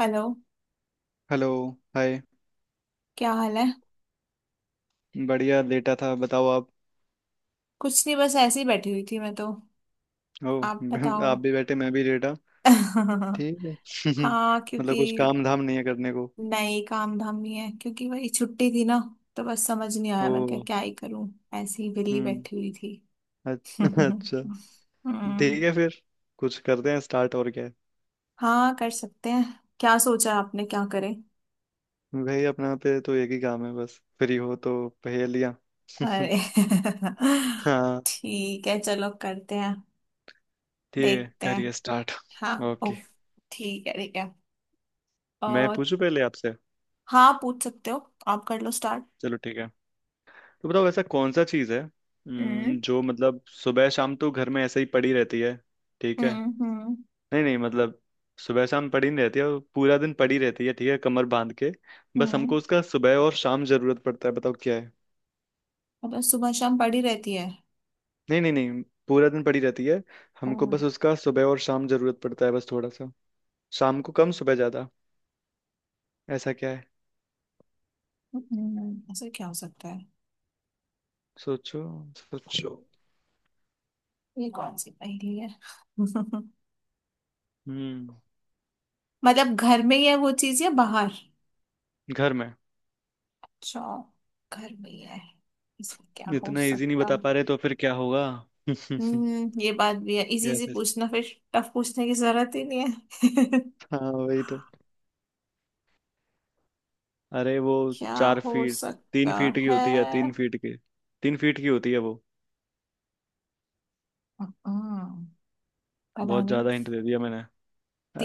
Hello. Hello. Hi. क्या हाल है? बढ़िया, लेटा था। बताओ आप। कुछ नहीं, बस ऐसे ही बैठी हुई थी मैं तो। हो। आप बताओ। आप भी बैठे, मैं भी लेटा। ठीक है। हाँ, क्योंकि मतलब कुछ काम धाम नहीं है करने को। नई काम धाम नहीं है, क्योंकि वही छुट्टी थी ना, तो बस समझ नहीं आया ओ। मैं क्या क्या ही करूं। ऐसे ही विली हम्म। बैठी हुई थी। अ- अच्छा। हम्म। ठीक है फिर। कुछ करते हैं स्टार्ट, और क्या है। हाँ, कर सकते हैं। क्या सोचा है आपने, क्या करें? भाई अपना पे तो एक ही काम है बस, फ्री हो तो। पहेलियाँ। अरे। हाँ। ठीक है, चलो करते हैं। ठीक है, देखते हैं। करिए स्टार्ट। हाँ, ओ। ओके। ठीक है, ठीक है। मैं और? पूछूं पहले आपसे। हाँ, पूछ सकते हो। आप कर लो। चलो ठीक है। तो बताओ, ऐसा कौन सा चीज़ है हम्म। जो मतलब सुबह शाम तो घर में ऐसे ही पड़ी रहती है। ठीक है। हम्म। नहीं नहीं, मतलब सुबह शाम पड़ी नहीं रहती है, वो पूरा दिन पड़ी रहती है ठीक है, कमर बांध के। बस हम्म। हमको उसका सुबह और शाम जरूरत पड़ता है, बताओ क्या है। मतलब सुबह शाम पड़ी रहती है? नहीं नहीं नहीं। पूरा दिन पड़ी रहती है। हमको हम्म। बस उसका सुबह और शाम जरूरत पड़ता है, बस थोड़ा सा। शाम को कम, सुबह ज्यादा। ऐसा क्या है। ऐसा क्या हो सकता है? सोचो सोचो। ये कौन सी पहेली है? हम्म, मतलब घर में ही है वो चीज या बाहर? घर में। अच्छा, घर में ही है। ऐसा क्या हो इतना इजी नहीं सकता? बता पा रहे, तो फिर क्या होगा। यस। हम्म, ये बात भी है। Easy yes. इजी पूछना, फिर टफ पूछने की जरूरत ही नहीं है। हाँ वही तो। अरे वो क्या चार हो फीट तीन सकता फीट की है? होती है, 3 फीट की। 3 फीट की होती है वो। हम्म, पता बहुत नहीं। ज्यादा हिंट दे दिया मैंने।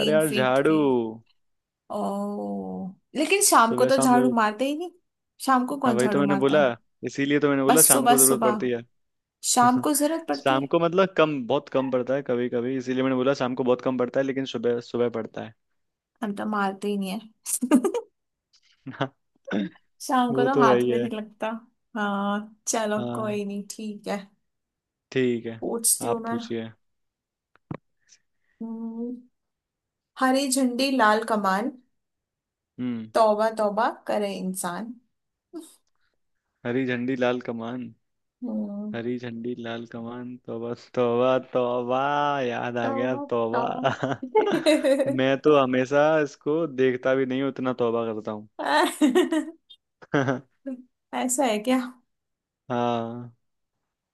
अरे यार, फीट झाड़ू। की? ओ, लेकिन शाम को सुबह तो शाम झाड़ू जरूरत। मारते ही नहीं। शाम को हाँ कौन वही तो झाड़ू मैंने मारता बोला। है? इसीलिए तो मैंने बस बोला शाम सुबह को जरूरत सुबह। पड़ती है। शाम को जरूरत पड़ती शाम है? को मतलब कम, बहुत कम पड़ता है, कभी कभी। इसीलिए मैंने बोला शाम को बहुत कम पड़ता है, लेकिन सुबह सुबह पड़ता है। हम तो मारते ही नहीं है। शाम को वो तो तो है हाथ ही में नहीं है। लगता। हाँ, चलो हाँ। कोई नहीं, ठीक है। ठीक है, पूछती हूँ आप मैं। पूछिए। हम्म, हरी झंडी लाल कमान, हम्म। तौबा तौबा करे इंसान। हरी झंडी लाल कमान। हम्म, हरी झंडी लाल कमान, तौबा तौबा तौबा। याद आ गया, तौबा तौबा। तौबा। मैं तो हमेशा इसको देखता भी नहीं हूँ, उतना तौबा करता हूँ। ऐसा है क्या? हाँ।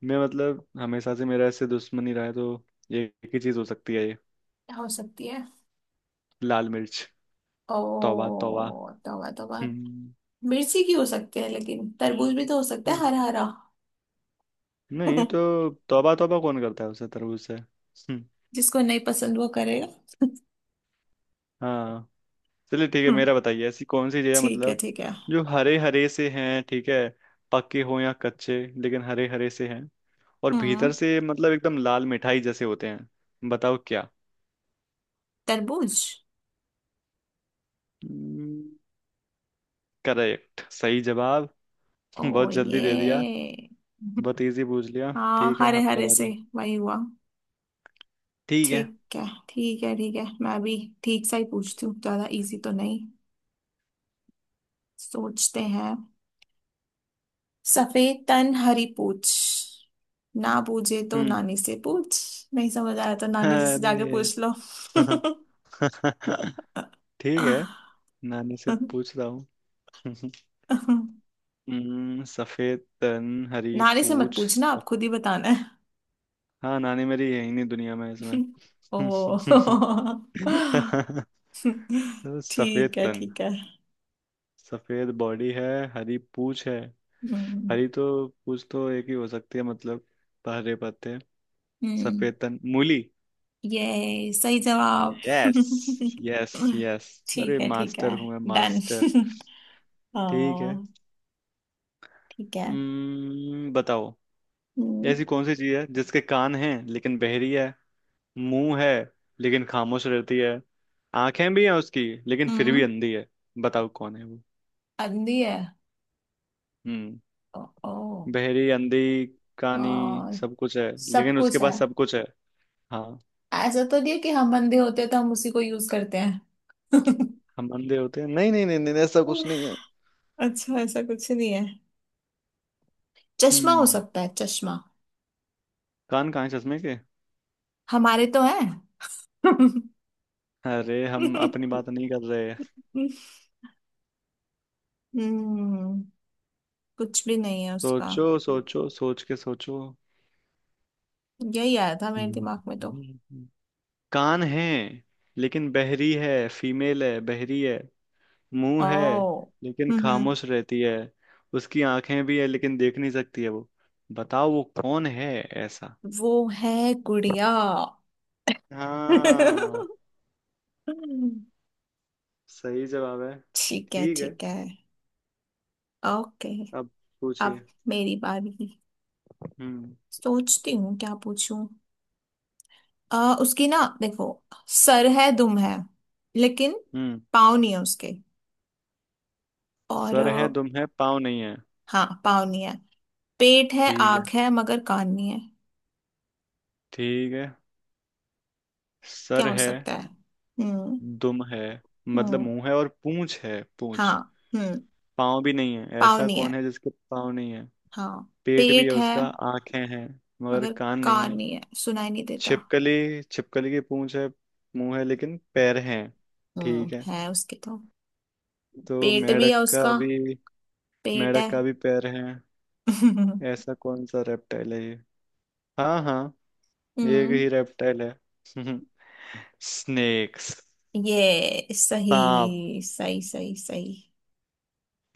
मैं मतलब हमेशा से मेरा ऐसे दुश्मनी रहा है तो। ये एक ही चीज हो सकती है ये। हो सकती है। लाल मिर्च। ओ, तौबा तौबा। तौबा तौबा। हम्म। मिर्ची की हो सकते हैं, लेकिन तरबूज भी तो हो सकता है, हाँ। हरा हरा। नहीं तो तौबा तौबा कौन करता है उसे तरबूज से जिसको नहीं पसंद वो करेगा। हाँ। चलिए ठीक है, हम्म, मेरा बताइए। ऐसी कौन सी जगह ठीक है मतलब, ठीक है। जो हरे हरे से हैं ठीक है, पक्के हो या कच्चे, लेकिन हरे हरे से हैं। और भीतर हम्म, से मतलब एकदम लाल मिठाई जैसे होते हैं, बताओ क्या। तरबूज। करेक्ट, सही जवाब। ओ बहुत जल्दी ये। दे दिया, बहुत इजी पूछ लिया। हाँ, ठीक है हरे आपका हरे से। बारी। वही हुआ। ठीक है। ठीक है ठीक है ठीक है, मैं भी ठीक सा ही पूछती हूँ, ज्यादा इजी तो नहीं। सोचते हैं। सफेद तन हरी पूछ, ना पूछे तो हम्म। नानी से पूछ। नहीं समझ आया तो अरे नानी जी से जाके पूछ लो। यार। ठीक है, नानी से पूछता हूँ। हम्म, सफेद तन। हरी नानी से मत पूछ। पूछना, आप खुद ही बताना है। हाँ, नानी मेरी यही, नहीं दुनिया में इसमें। ओ। तो सफेद ठीक है तन। ठीक है। सफेद बॉडी है। हरी पूछ है। हम्म। हरी तो पूछ तो एक ही हो सकती है मतलब, हरे पत्ते। हम्म, सफेद तन मूली। ये सही जवाब। Yes yes yes. अरे ठीक है ठीक मास्टर है। हूँ मैं, डन। मास्टर। ठीक है। ओ। ठीक है। बताओ। हम्म। ऐसी कौन सी चीज है जिसके कान हैं लेकिन बहरी है। मुंह है, लेकिन खामोश रहती है। आंखें भी हैं उसकी, लेकिन फिर भी हम्म, अंधी है। बताओ कौन है वो। अंधी है। हम्म। ओ, ओ, बहरी, अंधी, आ, कानी। सब कुछ है, सब लेकिन उसके कुछ है। पास सब कुछ है। हाँ। ऐसा तो नहीं है कि हम अंधे होते हैं तो हम उसी को यूज करते हैं? हम अंधे होते हैं, नहीं नहीं नहीं नहीं, ऐसा कुछ नहीं है। अच्छा, ऐसा कुछ नहीं है। चश्मा हो हम्म। सकता है, चश्मा। कान कहाँ है चश्मे के। हमारे तो है। अरे, हम अपनी बात नहीं कर रहे। हम्म। कुछ भी नहीं है उसका। सोचो सोचो, सोच के सोचो। यही आया था मेरे दिमाग में तो। हम्म। कान है, लेकिन बहरी है। फीमेल है, बहरी है। मुंह है, ओ। लेकिन हम्म। खामोश रहती है। उसकी आंखें भी है, लेकिन देख नहीं सकती है वो। बताओ वो कौन है, ऐसा। वो है गुड़िया। हाँ, सही जवाब है। ठीक है ठीक है। ठीक है। ओके। अब अब पूछिए। मेरी बारी। हम्म। सोचती हूँ क्या पूछूं। उसकी ना देखो। सर है, दुम है, लेकिन हम्म। पाँव नहीं है उसके। और सर है, दुम है, पाँव नहीं है। हाँ, पाँव नहीं है। पेट है, ठीक आंख है। है, मगर कान नहीं है। ठीक है। क्या सर हो है, सकता है? हम्म। दुम है, मतलब हम्म। मुंह है और पूंछ है, हाँ, पूंछ। हम्म। पाँव भी नहीं है, पाँव ऐसा नहीं है। कौन है जिसके पाँव नहीं है। हाँ, पेट भी है पेट है। उसका, आंखें हैं, मगर मगर कान नहीं कान है। नहीं है, सुनाई नहीं देता। छिपकली, छिपकली की पूंछ है, मुंह है, लेकिन पैर हैं। हम्म, ठीक है। है उसके तो। तो पेट भी है मेंढक का उसका। भी, पेट मेंढक है। का भी पैर है। ऐसा कौन सा रेप्टाइल है ये। हाँ हाँ, एक हम्म, ही रेप्टाइल है। स्नेक्स। ये सही सांप। सही सही सही।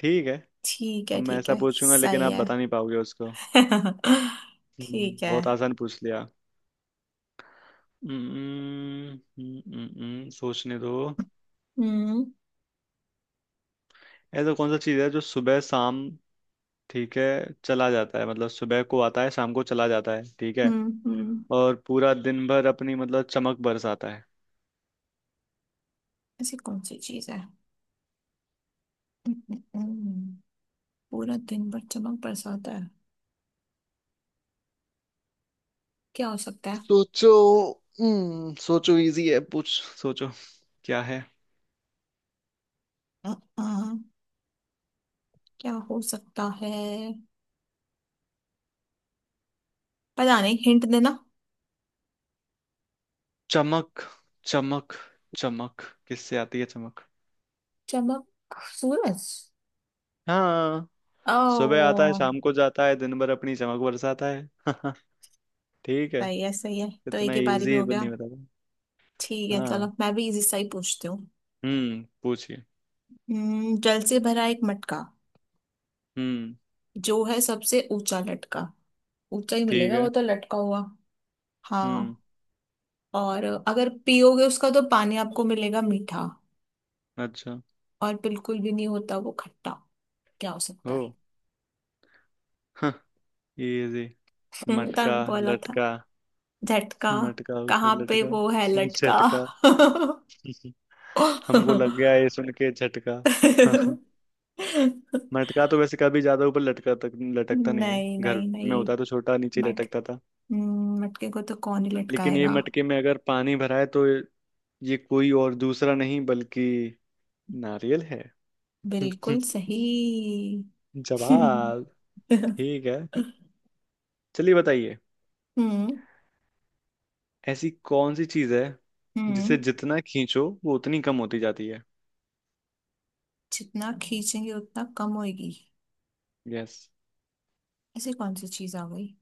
ठीक है। ठीक अब है मैं ठीक ऐसा है, पूछूंगा, लेकिन सही आप है। बता नहीं पाओगे उसको। ठीक है। बहुत आसान पूछ लिया। हम्म, सोचने दो। हम्म ऐसा कौन सा चीज है जो सुबह शाम ठीक है चला जाता है, मतलब सुबह को आता है, शाम को चला जाता है ठीक है। हम्म हम्म और पूरा दिन भर अपनी मतलब चमक बरसाता है। ऐसी कौन सी चीज है? हम्म, हम्म, हम्म। पूरा दिन भर चमक बरसाता है? क्या हो सकता है? सोचो। हम्म, सोचो, इजी है पूछ। सोचो, क्या है। अ, अ, क्या हो सकता है? पता नहीं, हिंट देना। चमक, चमक, चमक किससे आती है, चमक। चमक। सूरज। हाँ। ओ, सुबह आता है, शाम को जाता है, दिन भर अपनी चमक बरसाता है। ठीक है। सही है सही है, तो एक इतना ही बारी में इजी हो गया। नहीं बता पाया। ठीक है, चलो हाँ। मैं भी इजी सा ही पूछती हूँ। हम्म, पूछिए। जल से भरा एक मटका, हम्म। जो है सबसे ऊंचा लटका। ऊंचा ही ठीक मिलेगा वो है। तो, लटका हुआ। हम्म। हाँ, और अगर पियोगे उसका तो पानी आपको मिलेगा मीठा, अच्छा। और बिल्कुल भी नहीं होता वो खट्टा। क्या हो सकता हो। है? इजी। मटका, तब बोला था लटका, झटका। मटका ऊपर कहाँ पे लटका, वो है लटका? झटका। हमको लग गया ये सुन के झटका। मटका तो वैसे कभी ज्यादा ऊपर लटका तक लटकता नहीं है, नहीं घर नहीं में नहीं, होता तो छोटा नीचे मट, लटकता था। मटके को तो कौन ही लेकिन ये लटकाएगा। मटके में अगर पानी भरा है, तो ये कोई और दूसरा नहीं, बल्कि नारियल है। बिल्कुल सही। जवाब। हम्म। ठीक है। चलिए बताइए, ऐसी कौन सी चीज है हम्म, जिसे जितना खींचो वो उतनी कम होती जाती है। जितना खींचेंगे उतना कम होएगी। यस। ऐसी कौन सी चीज आ गई?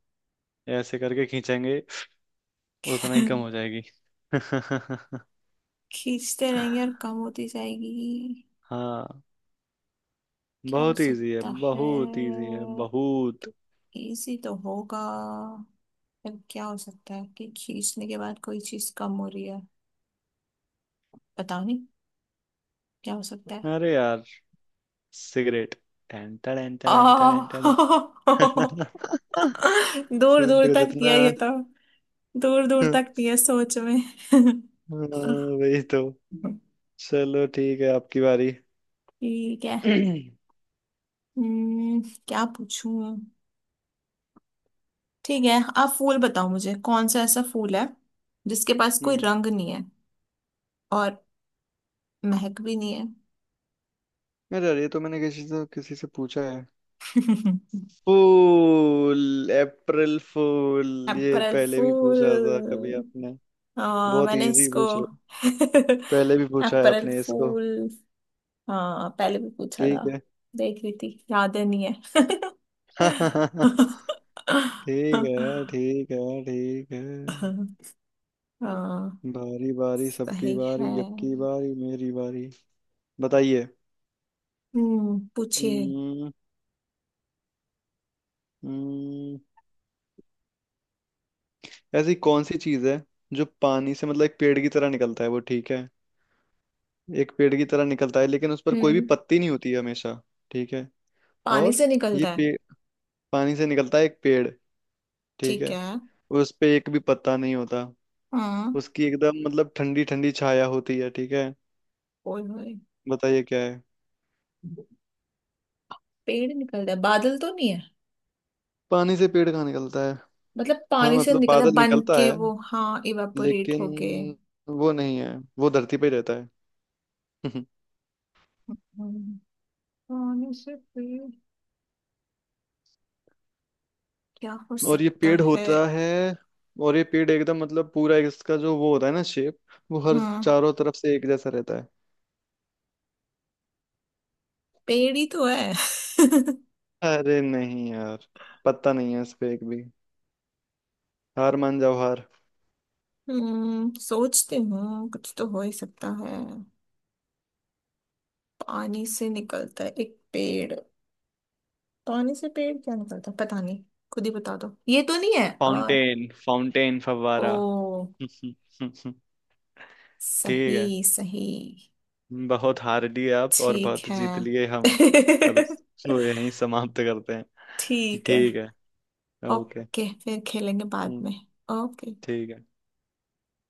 ऐसे करके खींचेंगे, उतना ही कम हो जाएगी। खींचते रहेंगे और कम होती जाएगी। हाँ। क्या हो बहुत इजी है, सकता है? बहुत इजी है, बहुत। इजी तो होगा। फिर क्या हो सकता है कि खींचने के बाद कोई चीज कम हो रही है? पता नहीं, क्या हो सकता है? अरे यार, सिगरेट। टन टन टन टन आ। टन। दूर सिगरेट दूर को तक जितना। दिया ये तो। दूर दूर हाँ, तक दिया सोच में। वही तो। चलो ठीक है, आपकी बारी। ठीक है। हम्म। हम्म, क्या पूछूं। ठीक है, आप फूल बताओ मुझे, कौन सा ऐसा फूल है जिसके पास कोई रंग नहीं है और महक भी नहीं अरे यार, ये तो मैंने किसी से पूछा है। है। फूल, अप्रैल फूल। ये अप्रैल पहले भी पूछा था कभी फूल। आपने। हाँ, बहुत मैंने इजी इसको। पूछ रहे हो। पहले भी पूछा है अप्रैल आपने इसको। फूल। हाँ, पहले भी पूछा था। ठीक है। देख रही थी याद है, नहीं है। ठीक है। ठीक है। ठीक है। हाँ, बारी बारी सबकी सही बारी, है। यबकी बारी मेरी बारी। बताइए। हम्म, पूछिए। हम्म, हम्म, ऐसी कौन सी चीज है जो पानी से मतलब एक पेड़ की तरह निकलता है वो, ठीक है। एक पेड़ की तरह निकलता है, लेकिन उस पर कोई भी हम्म। पत्ती नहीं होती है हमेशा। ठीक है। पानी और से ये निकलता है। पेड़ पानी से निकलता है, एक पेड़, ठीक ठीक है। है। उस पे एक भी पत्ता नहीं होता। हाँ। उसकी एकदम मतलब ठंडी ठंडी छाया होती है, ठीक है। ओए होए। बताइए क्या है। पेड़ निकलता है? बादल तो नहीं है? पानी से पेड़ कहाँ निकलता है। मतलब हाँ पानी से मतलब निकलता है बादल बन निकलता के है, वो, हाँ इवापोरेट हो गए। लेकिन वो नहीं है, वो धरती पे ही रहता है। हम्म, पानी से पेड़? क्या हो और ये सकता पेड़ है? होता है, और ये पेड़ एकदम मतलब पूरा इसका जो वो होता है ना, शेप, वो हर हम्म, चारों तरफ से एक जैसा रहता है। पेड़ ही तो है। अरे नहीं यार, पता नहीं है, इस पे एक भी। हार मान जाओ, हार। हम्म, सोचती हूँ, कुछ तो हो ही सकता है। पानी से निकलता है एक पेड़। पानी से पेड़ क्या निकलता है, पता नहीं। खुद ही बता दो, ये तो नहीं है और। फाउंटेन, फाउंटेन, फव्वारा। ओ, ठीक है। सही सही। बहुत हार लिए आप, और ठीक बहुत जीत है। लिए हम। अब इसको यहीं समाप्त करते हैं। ठीक है। ठीक है। ओके। ओके, फिर खेलेंगे बाद हम्म, में। ओके। ठीक है।